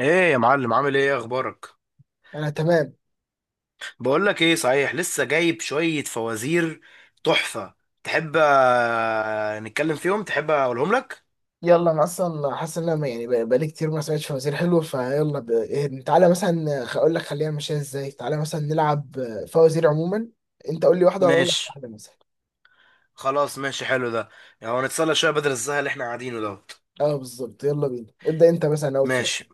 ايه يا معلم، عامل ايه؟ اخبارك؟ انا تمام. بقول لك ايه؟ صحيح لسه جايب شوية فوازير تحفة. تحب نتكلم فيهم؟ تحب اقولهم لك؟ يلا انا اصلا حاسس ان انا بقالي كتير ما سمعتش فوازير حلو فيلا ب... إيه، تعالى مثلا اقول لك خلينا نمشيها ازاي، تعالى مثلا نلعب فوازير عموما. انت قول لي واحده وانا اقول لك ماشي. واحده مثلا. خلاص ماشي، حلو ده. يعني نتسلى شوية بدل الزهق اللي احنا قاعدينه دوت. اه بالظبط، يلا بينا ابدا، انت مثلا اول سؤال. ماشي.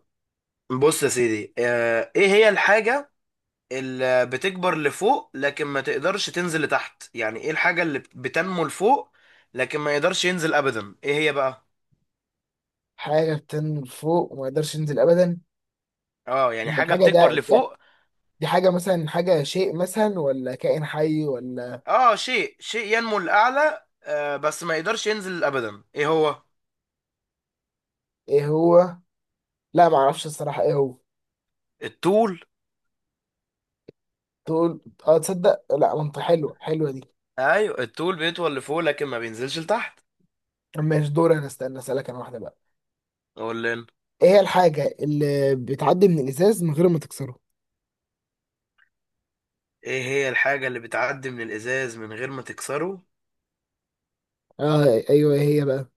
بص يا سيدي، ايه هي الحاجة اللي بتكبر لفوق لكن ما تقدرش تنزل لتحت؟ يعني ايه الحاجة اللي بتنمو لفوق لكن ما يقدرش ينزل ابدا؟ ايه هي بقى؟ حاجه بتنزل فوق وما يقدرش ينزل ابدا. اه، يعني حاجة الحاجه بتكبر ده لفوق. دي حاجه مثلا، حاجه، شيء مثلا ولا كائن حي ولا اه، شيء ينمو للأعلى آه، بس ما يقدرش ينزل أبدا. ايه هو؟ ايه هو؟ لا ما اعرفش الصراحه ايه هو. الطول. تقول؟ اه تصدق، لا منطق، حلوه حلوه دي. ايوه الطول بيطول لفوق لكن ما بينزلش لتحت. طب ماشي دور، انا استنى اسالك انا واحده بقى. اقول لنا. ايه هي الحاجة اللي بتعدي من الإزاز من غير ما تكسره؟ ايه هي الحاجة اللي بتعدي من الإزاز من غير ما تكسره؟ آه أيوه إيه هي بقى؟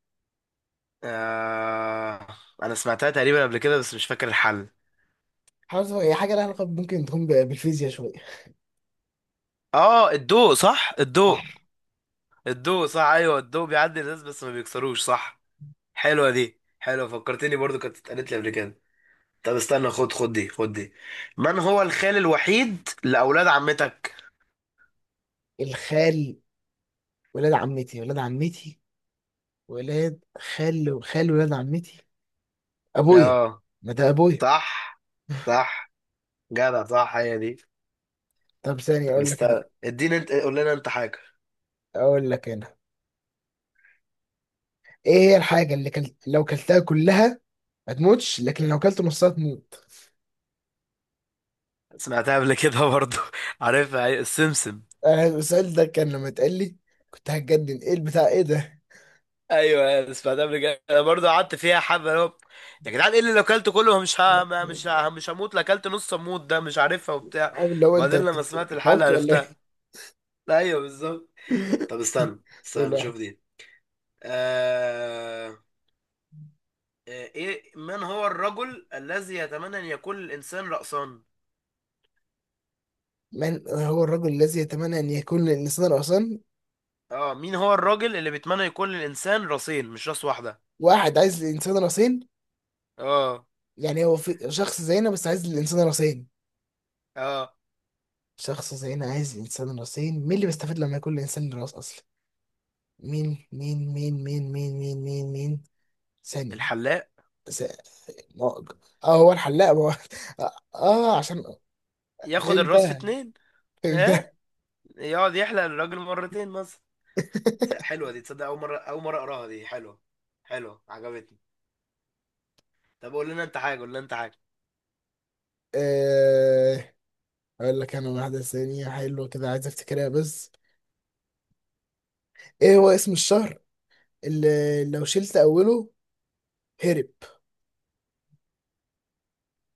آه. انا سمعتها تقريبا قبل كده بس مش فاكر الحل. حاسس هي حاجة لها علاقة ممكن تكون بالفيزياء شوية. اه، الضوء، صح صح. الضوء. الضوء صح، ايوه الضوء بيعدي الإزاز بس ما بيكسروش، صح. حلوة دي، حلوة. فكرتني برضو، كانت اتقالت لي قبل كده. طب استنى، خد دي، خد دي. من هو الخال الوحيد لأولاد عمتك؟ الخال، ولاد عمتي، ولاد عمتي، ولاد خال، ولاد عمتي أبويا. اه. ما ده أبويا. صح. صح. جدع، صح، هي دي. طب ثانية طب أقول لك أنا، استنى، اديني انت، قول لنا انت حاجة. أقول لك أنا. إيه هي الحاجة اللي لو كلتها كلها ما تموتش، لكن لو كلت نصها تموت. سمعتها قبل كده برضو عارفها، أيوة، السمسم. أنا السؤال ده كان لما اتقال لي كنت هتجنن، إيه البتاع إيه ده؟ ايوه أنا سمعتها قبل كده، انا برضو قعدت فيها حبه، اللي هو يا جدعان ايه اللي لو اكلته كله مش ها ما- مش ها مش هموت، لا اكلت نص اموت؟ ده مش عارفها وبتاع. أو لو وبعدين لما سمعت أنت الحلقه تعبت ولا إيه؟ عرفتها. ايوه بالظبط. طب استنى قول استنى واحد. شوف دي. آه... آه، ايه؟ من هو الرجل الذي يتمنى ان يكون الانسان رأسا؟ من هو الرجل الذي يتمنى أن يكون للإنسان رأسان؟ اه، مين هو الراجل اللي بيتمنى يكون للإنسان راسين مش راس واحدة؟ واحد عايز للإنسان رأسين، اه. يعني هو في شخص زينا بس عايز للإنسان رأسين، اه، شخص زينا عايز للإنسان رأسين. مين اللي بيستفيد لما يكون للإنسان له رأس أصلا؟ مين. ثانية. الحلاق. س- ما هو- اه هو الحلاق، ما هو. اه عشان ياخد الراس في فهمتها، اتنين. اه، فهمتها. يقعد يحلق الراجل مرتين مثلا. حلوة دي، تصدق أول مرة، أول مرة أقراها، دي حلوة. حلوة عجبتني. طب قول لنا أنت حاجة، قول لنا أنت حاجة. آه، اقول لك انا واحدة ثانية حلوة كده، عايز افتكرها بس. ايه هو اسم الشهر اللي لو شلت اوله هرب؟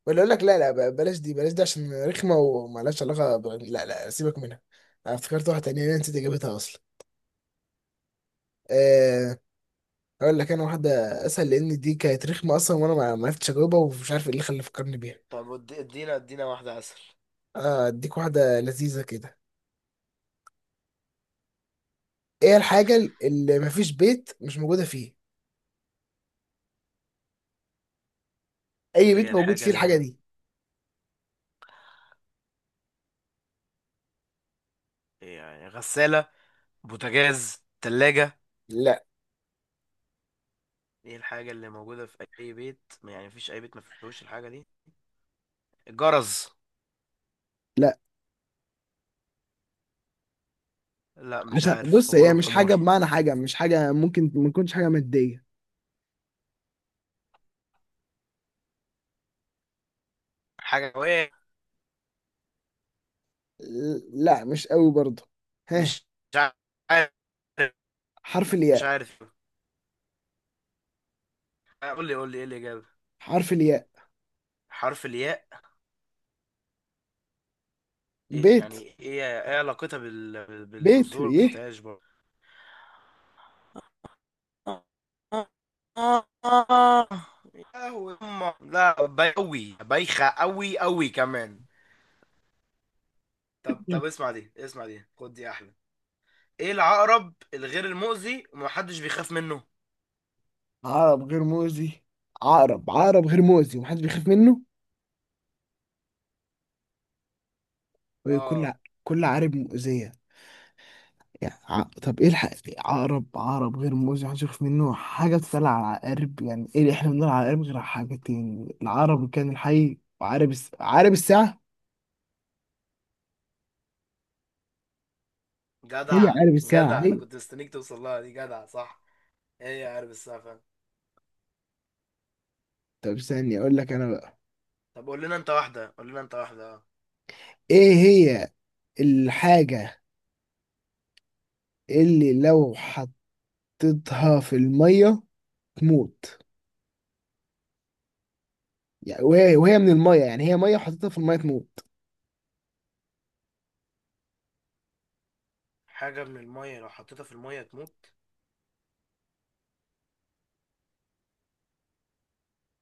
ولا اقول لك، لا لا، بلاش دي، بلاش دي عشان رخمه ومالهاش علاقه لا لا، سيبك منها. انا افتكرت واحده تانية انا نسيت اجابتها اصلا. أه... اقول لك انا واحده اسهل، لان دي كانت رخمه اصلا وانا ما عرفتش اجاوبها، ومش عارف ايه اللي خلى فكرني بيها. طب ادينا، ادينا واحدة أسهل. آه، اديك واحده لذيذه كده. ايه الحاجه اللي ما فيش بيت مش موجوده فيه، إيه اي هي بيت موجود الحاجة فيه الحاجه دي؟ يعني غسالة، بوتاجاز، تلاجة؟ لا. إيه الحاجة اللي موجودة في أي بيت، يعني مفيش أي بيت مفيهوش الحاجة دي؟ الجرز. لا لا مش عشان عارف، بص، هي غلب مش حماري. حاجة بمعنى حاجة، مش حاجة ممكن ما تكونش حاجة مادية. حاجة. لا مش قوي برضه. ها. مش عارف. حرف مش الياء. عارف. آه، قول لي، قول لي ايه الاجابه؟ حرف الياء. حرف الياء. إيه- بيت. يعني ايه؟ ايه علاقتها بيت بالفزوره ايه. انتاج برضه؟ يا هو أمه. لا بيوي، بايخه قوي، قوي كمان. طب طب اسمع دي، اسمع دي، خد دي احلى. ايه العقرب الغير المؤذي ومحدش بيخاف منه؟ عقرب غير مؤذي، عقرب، عقرب غير مؤذي ومحدش بيخاف منه. وكل ع- اه. كل عقرب مؤذية، يعني طب ايه الحق، عقرب، عقرب غير مؤذي محدش بيخاف منه، حاجة بتتقال على العقارب، يعني ايه اللي احنا بنقول على العقارب غير على حاجتين، العقرب كان الحي، عقرب الساعة. هي جدع عقرب الساعة جدع، انا هي. كنت مستنيك توصل لها دي، جدع صح. هي عارف السقف. طب استني اقول لك انا بقى. طب قول لنا انت واحدة، قول لنا انت واحدة، اه. ايه هي الحاجة اللي لو حطيتها في المية تموت؟ يعني وهي من الميه، يعني هي ميه، حطيتها في الميه تموت. حاجة من المية لو حطيتها في المية تموت.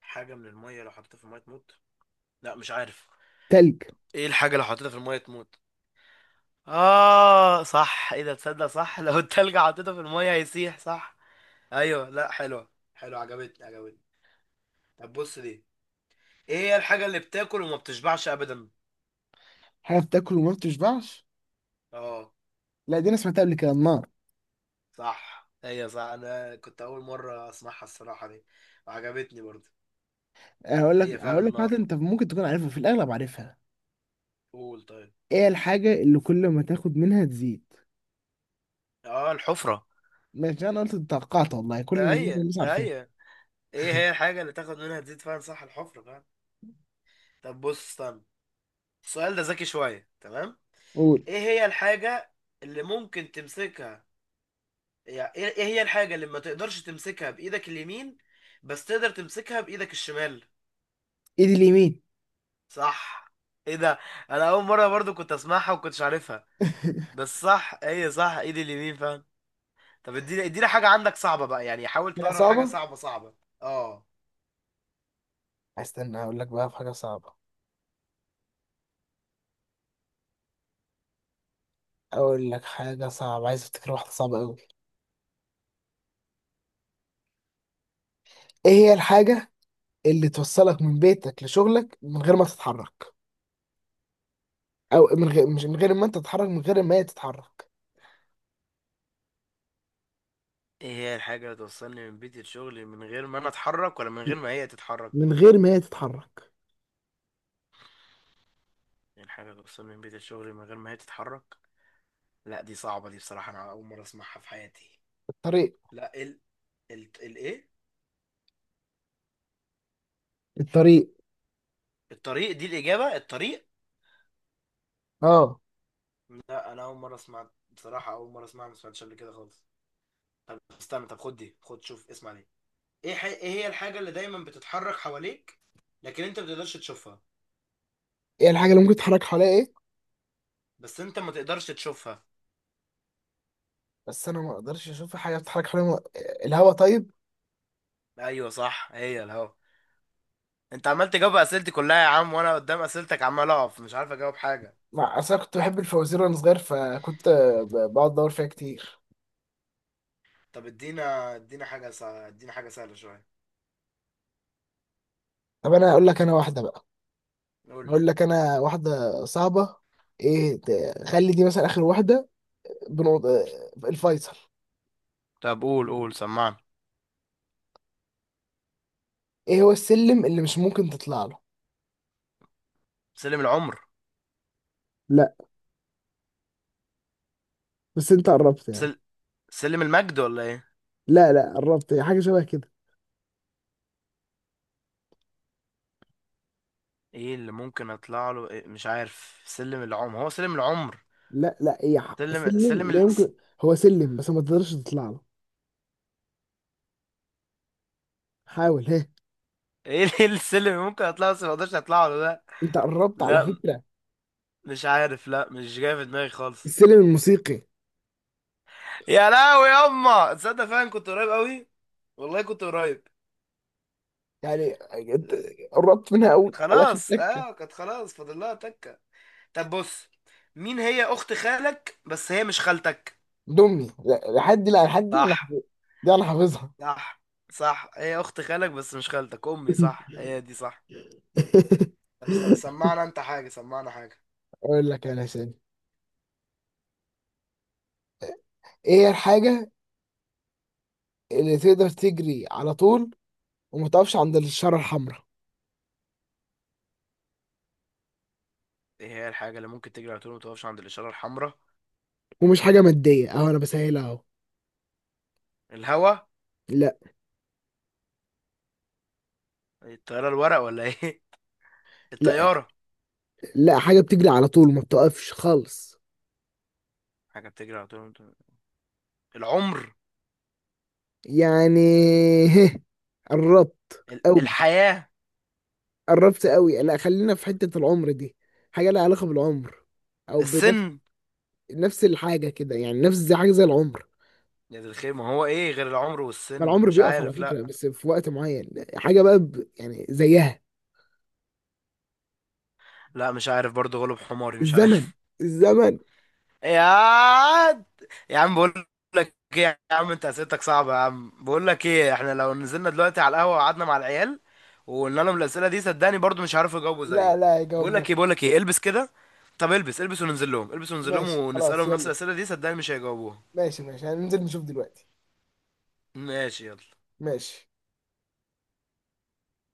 حاجة من المية لو حطيتها في المية تموت. لا مش عارف. تلج. ايه الحاجة لو حطيتها في المية تموت؟ اه صح، ايه ده، تصدق صح. لو التلج حطيته في المية هيسيح، صح. ايوه، لا حلوة، حلوة، عجبتني عجبتني. طب بص دي. ايه هي الحاجة اللي بتاكل وما بتشبعش ابدا؟ حاجه بتاكل وما بتشبعش. اه لا دي انا سمعتها قبل كده، النار. صح، هي صح، انا كنت اول مرة اسمعها الصراحة دي وعجبتني برضه. هقول لك، هي فعلا هقول لك حاجه النار. انت ممكن تكون عارفها، في الاغلب عارفها. قول طيب. ايه الحاجه اللي كل ما تاخد منها تزيد؟ اه، الحفرة. ماشي، انا قلت توقعت والله كل اللي معظم ايوه الناس عارفينها. ايوه. ايه هي الحاجة اللي تاخد منها تزيد فيها؟ صح، الحفرة بقى. طب بص، استنى، السؤال ده ذكي شوية، تمام. قول. ايه هي الحاجة اللي ممكن تمسكها، يعني ايه، إيه هي الحاجة اللي ما تقدرش تمسكها بإيدك اليمين بس تقدر تمسكها بإيدك الشمال؟ ايد اليمين. صح. ايه ده، انا اول مرة برضو كنت اسمعها وكنتش عارفها. بس صح، ايه صح، ايدي اليمين فعلا. طب اديني، اديني حاجة عندك صعبة بقى، يعني حاول حاجه تدور على حاجة صعبه. صعبة صعبة. اه. استنى اقول لك بقى في حاجه صعبه، اقول لك حاجه صعبه، عايز افتكر واحده صعبه قوي. ايه هي الحاجه اللي توصلك من بيتك لشغلك من غير ما تتحرك، او من غير، مش من غير ما انت تتحرك، من غير ما هي تتحرك. ايه هي الحاجة اللي توصلني من بيتي لشغلي من غير ما انا اتحرك، ولا من غير ما هي تتحرك؟ من غير ما هي تتحرك. يعني حاجة توصل من بيت الشغل من غير ما هي تتحرك. لا دي صعبة، دي بصراحة أنا أول مرة أسمعها في حياتي. الطريق. لا، ال، ال الإيه؟ الطريق. الطريق دي الإجابة، الطريق. اه. لا أنا أول مرة أسمع بصراحة، أول مرة أسمعها، ما سمعتش قبل كده خالص. طب استنى، طب خد دي، خد شوف، اسمع دي. إيه هي الحاجة اللي دايما بتتحرك حواليك لكن أنت ما تقدرش تشوفها؟ ايه الحاجه اللي ممكن تتحرك حواليها ايه؟ بس أنت ما تقدرش تشوفها. بس انا ما اقدرش اشوف حاجه بتتحرك حواليها. الهواء طيب. أيوه صح، هي الهوا. أنت عمال تجاوب أسئلتي كلها يا عم، وأنا قدام أسئلتك عمال أقف مش عارف أجاوب حاجة. مع اصل انا كنت بحب الفوازير وانا صغير، فكنت بقعد ادور فيها كتير. طب ادينا، ادينا حاجة سهلة، ادينا حاجة سهلة شوية. طب انا اقول لك انا واحده بقى. قول لي. اقول لك انا واحده صعبه. ايه خلي دي مثلا اخر واحده. بنقط... الفيصل. طب قول، قول، سمعني. ايه هو السلم اللي مش ممكن تطلع له؟ سلم العمر. لا. بس انت قربت يعني. سل... سلم المجد، ولا ايه؟ لا لا، قربت، هي حاجة شبه كده. ايه اللي ممكن اطلع له؟ إيه؟ مش عارف، سلم العمر، هو سلم العمر. لا لا، سلم سلم لا يمكن، هو سلم بس ما تقدرش تطلع له. حاول. ها. ايه إيه السلم اللي ممكن اطلعه بس ما اقدرش اطلعه له ده؟ انت قربت على لا فكرة. مش عارف، لا مش جاي في دماغي خالص. السلم الموسيقي. يا لهوي يما، تصدق فعلا كنت قريب قوي، والله كنت قريب. يعني انت قربت منها قوي، على اخر خلاص تكة. اه، كانت خلاص فاضل لها تكه. طب بص، مين هي اخت خالك بس هي مش خالتك؟ دمي لا، لحد دي، لا لحد دي انا صح. دي انا حافظها. صح. صح، هي اخت خالك بس مش خالتك، امي، صح هي دي، صح. طب سمعنا انت حاجة، سمعنا حاجة. اقول لك انا ثاني. ايه هي الحاجة اللي تقدر تجري على طول وما تقفش عند الشارة الحمراء؟ ايه هي الحاجة اللي ممكن تجري على طول ما تقفش عند الإشارة الحمراء؟ ومش حاجة مادية اهو، انا بسهلها اهو. الهوا. لا. الطيارة الورق، ولا ايه؟ لا. الطيارة. لا حاجة بتجري على طول وما بتقفش خالص. حاجة بتجري على طول ما العمر. يعني. هه. قربت قوي، الحياة. قربت قوي. لا خلينا في حتة العمر دي، حاجة لها علاقة بالعمر او بنفس. السن. نفس الحاجة كده، يعني نفس زي حاجة زي العمر. يا دي الخير، ما هو ايه غير العمر والسن؟ ما العمر مش بيقف على عارف، فكرة لا. بس في وقت معين، حاجة بقى يعني زيها. لا مش عارف برضه، غلب حماري، مش الزمن. عارف. الزمن. يا عاد. يا عم بقول لك ايه يا عم، انت اسئلتك صعبه يا عم. بقول لك ايه، احنا لو نزلنا دلوقتي على القهوه وقعدنا مع العيال وقلنا لهم الاسئله دي، صدقني برضو مش هيعرفوا يجاوبوا لا زيي. لا بقول لك ايه، يجاوبوها. بقول لك ايه، البس كده، طب البس، البس وننزل لهم البس وننزل لهم ماشي خلاص، ونسالهم نفس يلا. الاسئله دي، صدقني مش هيجاوبوها. ماشي ماشي، هننزل نشوف دلوقتي. ماشي يلا. ماشي.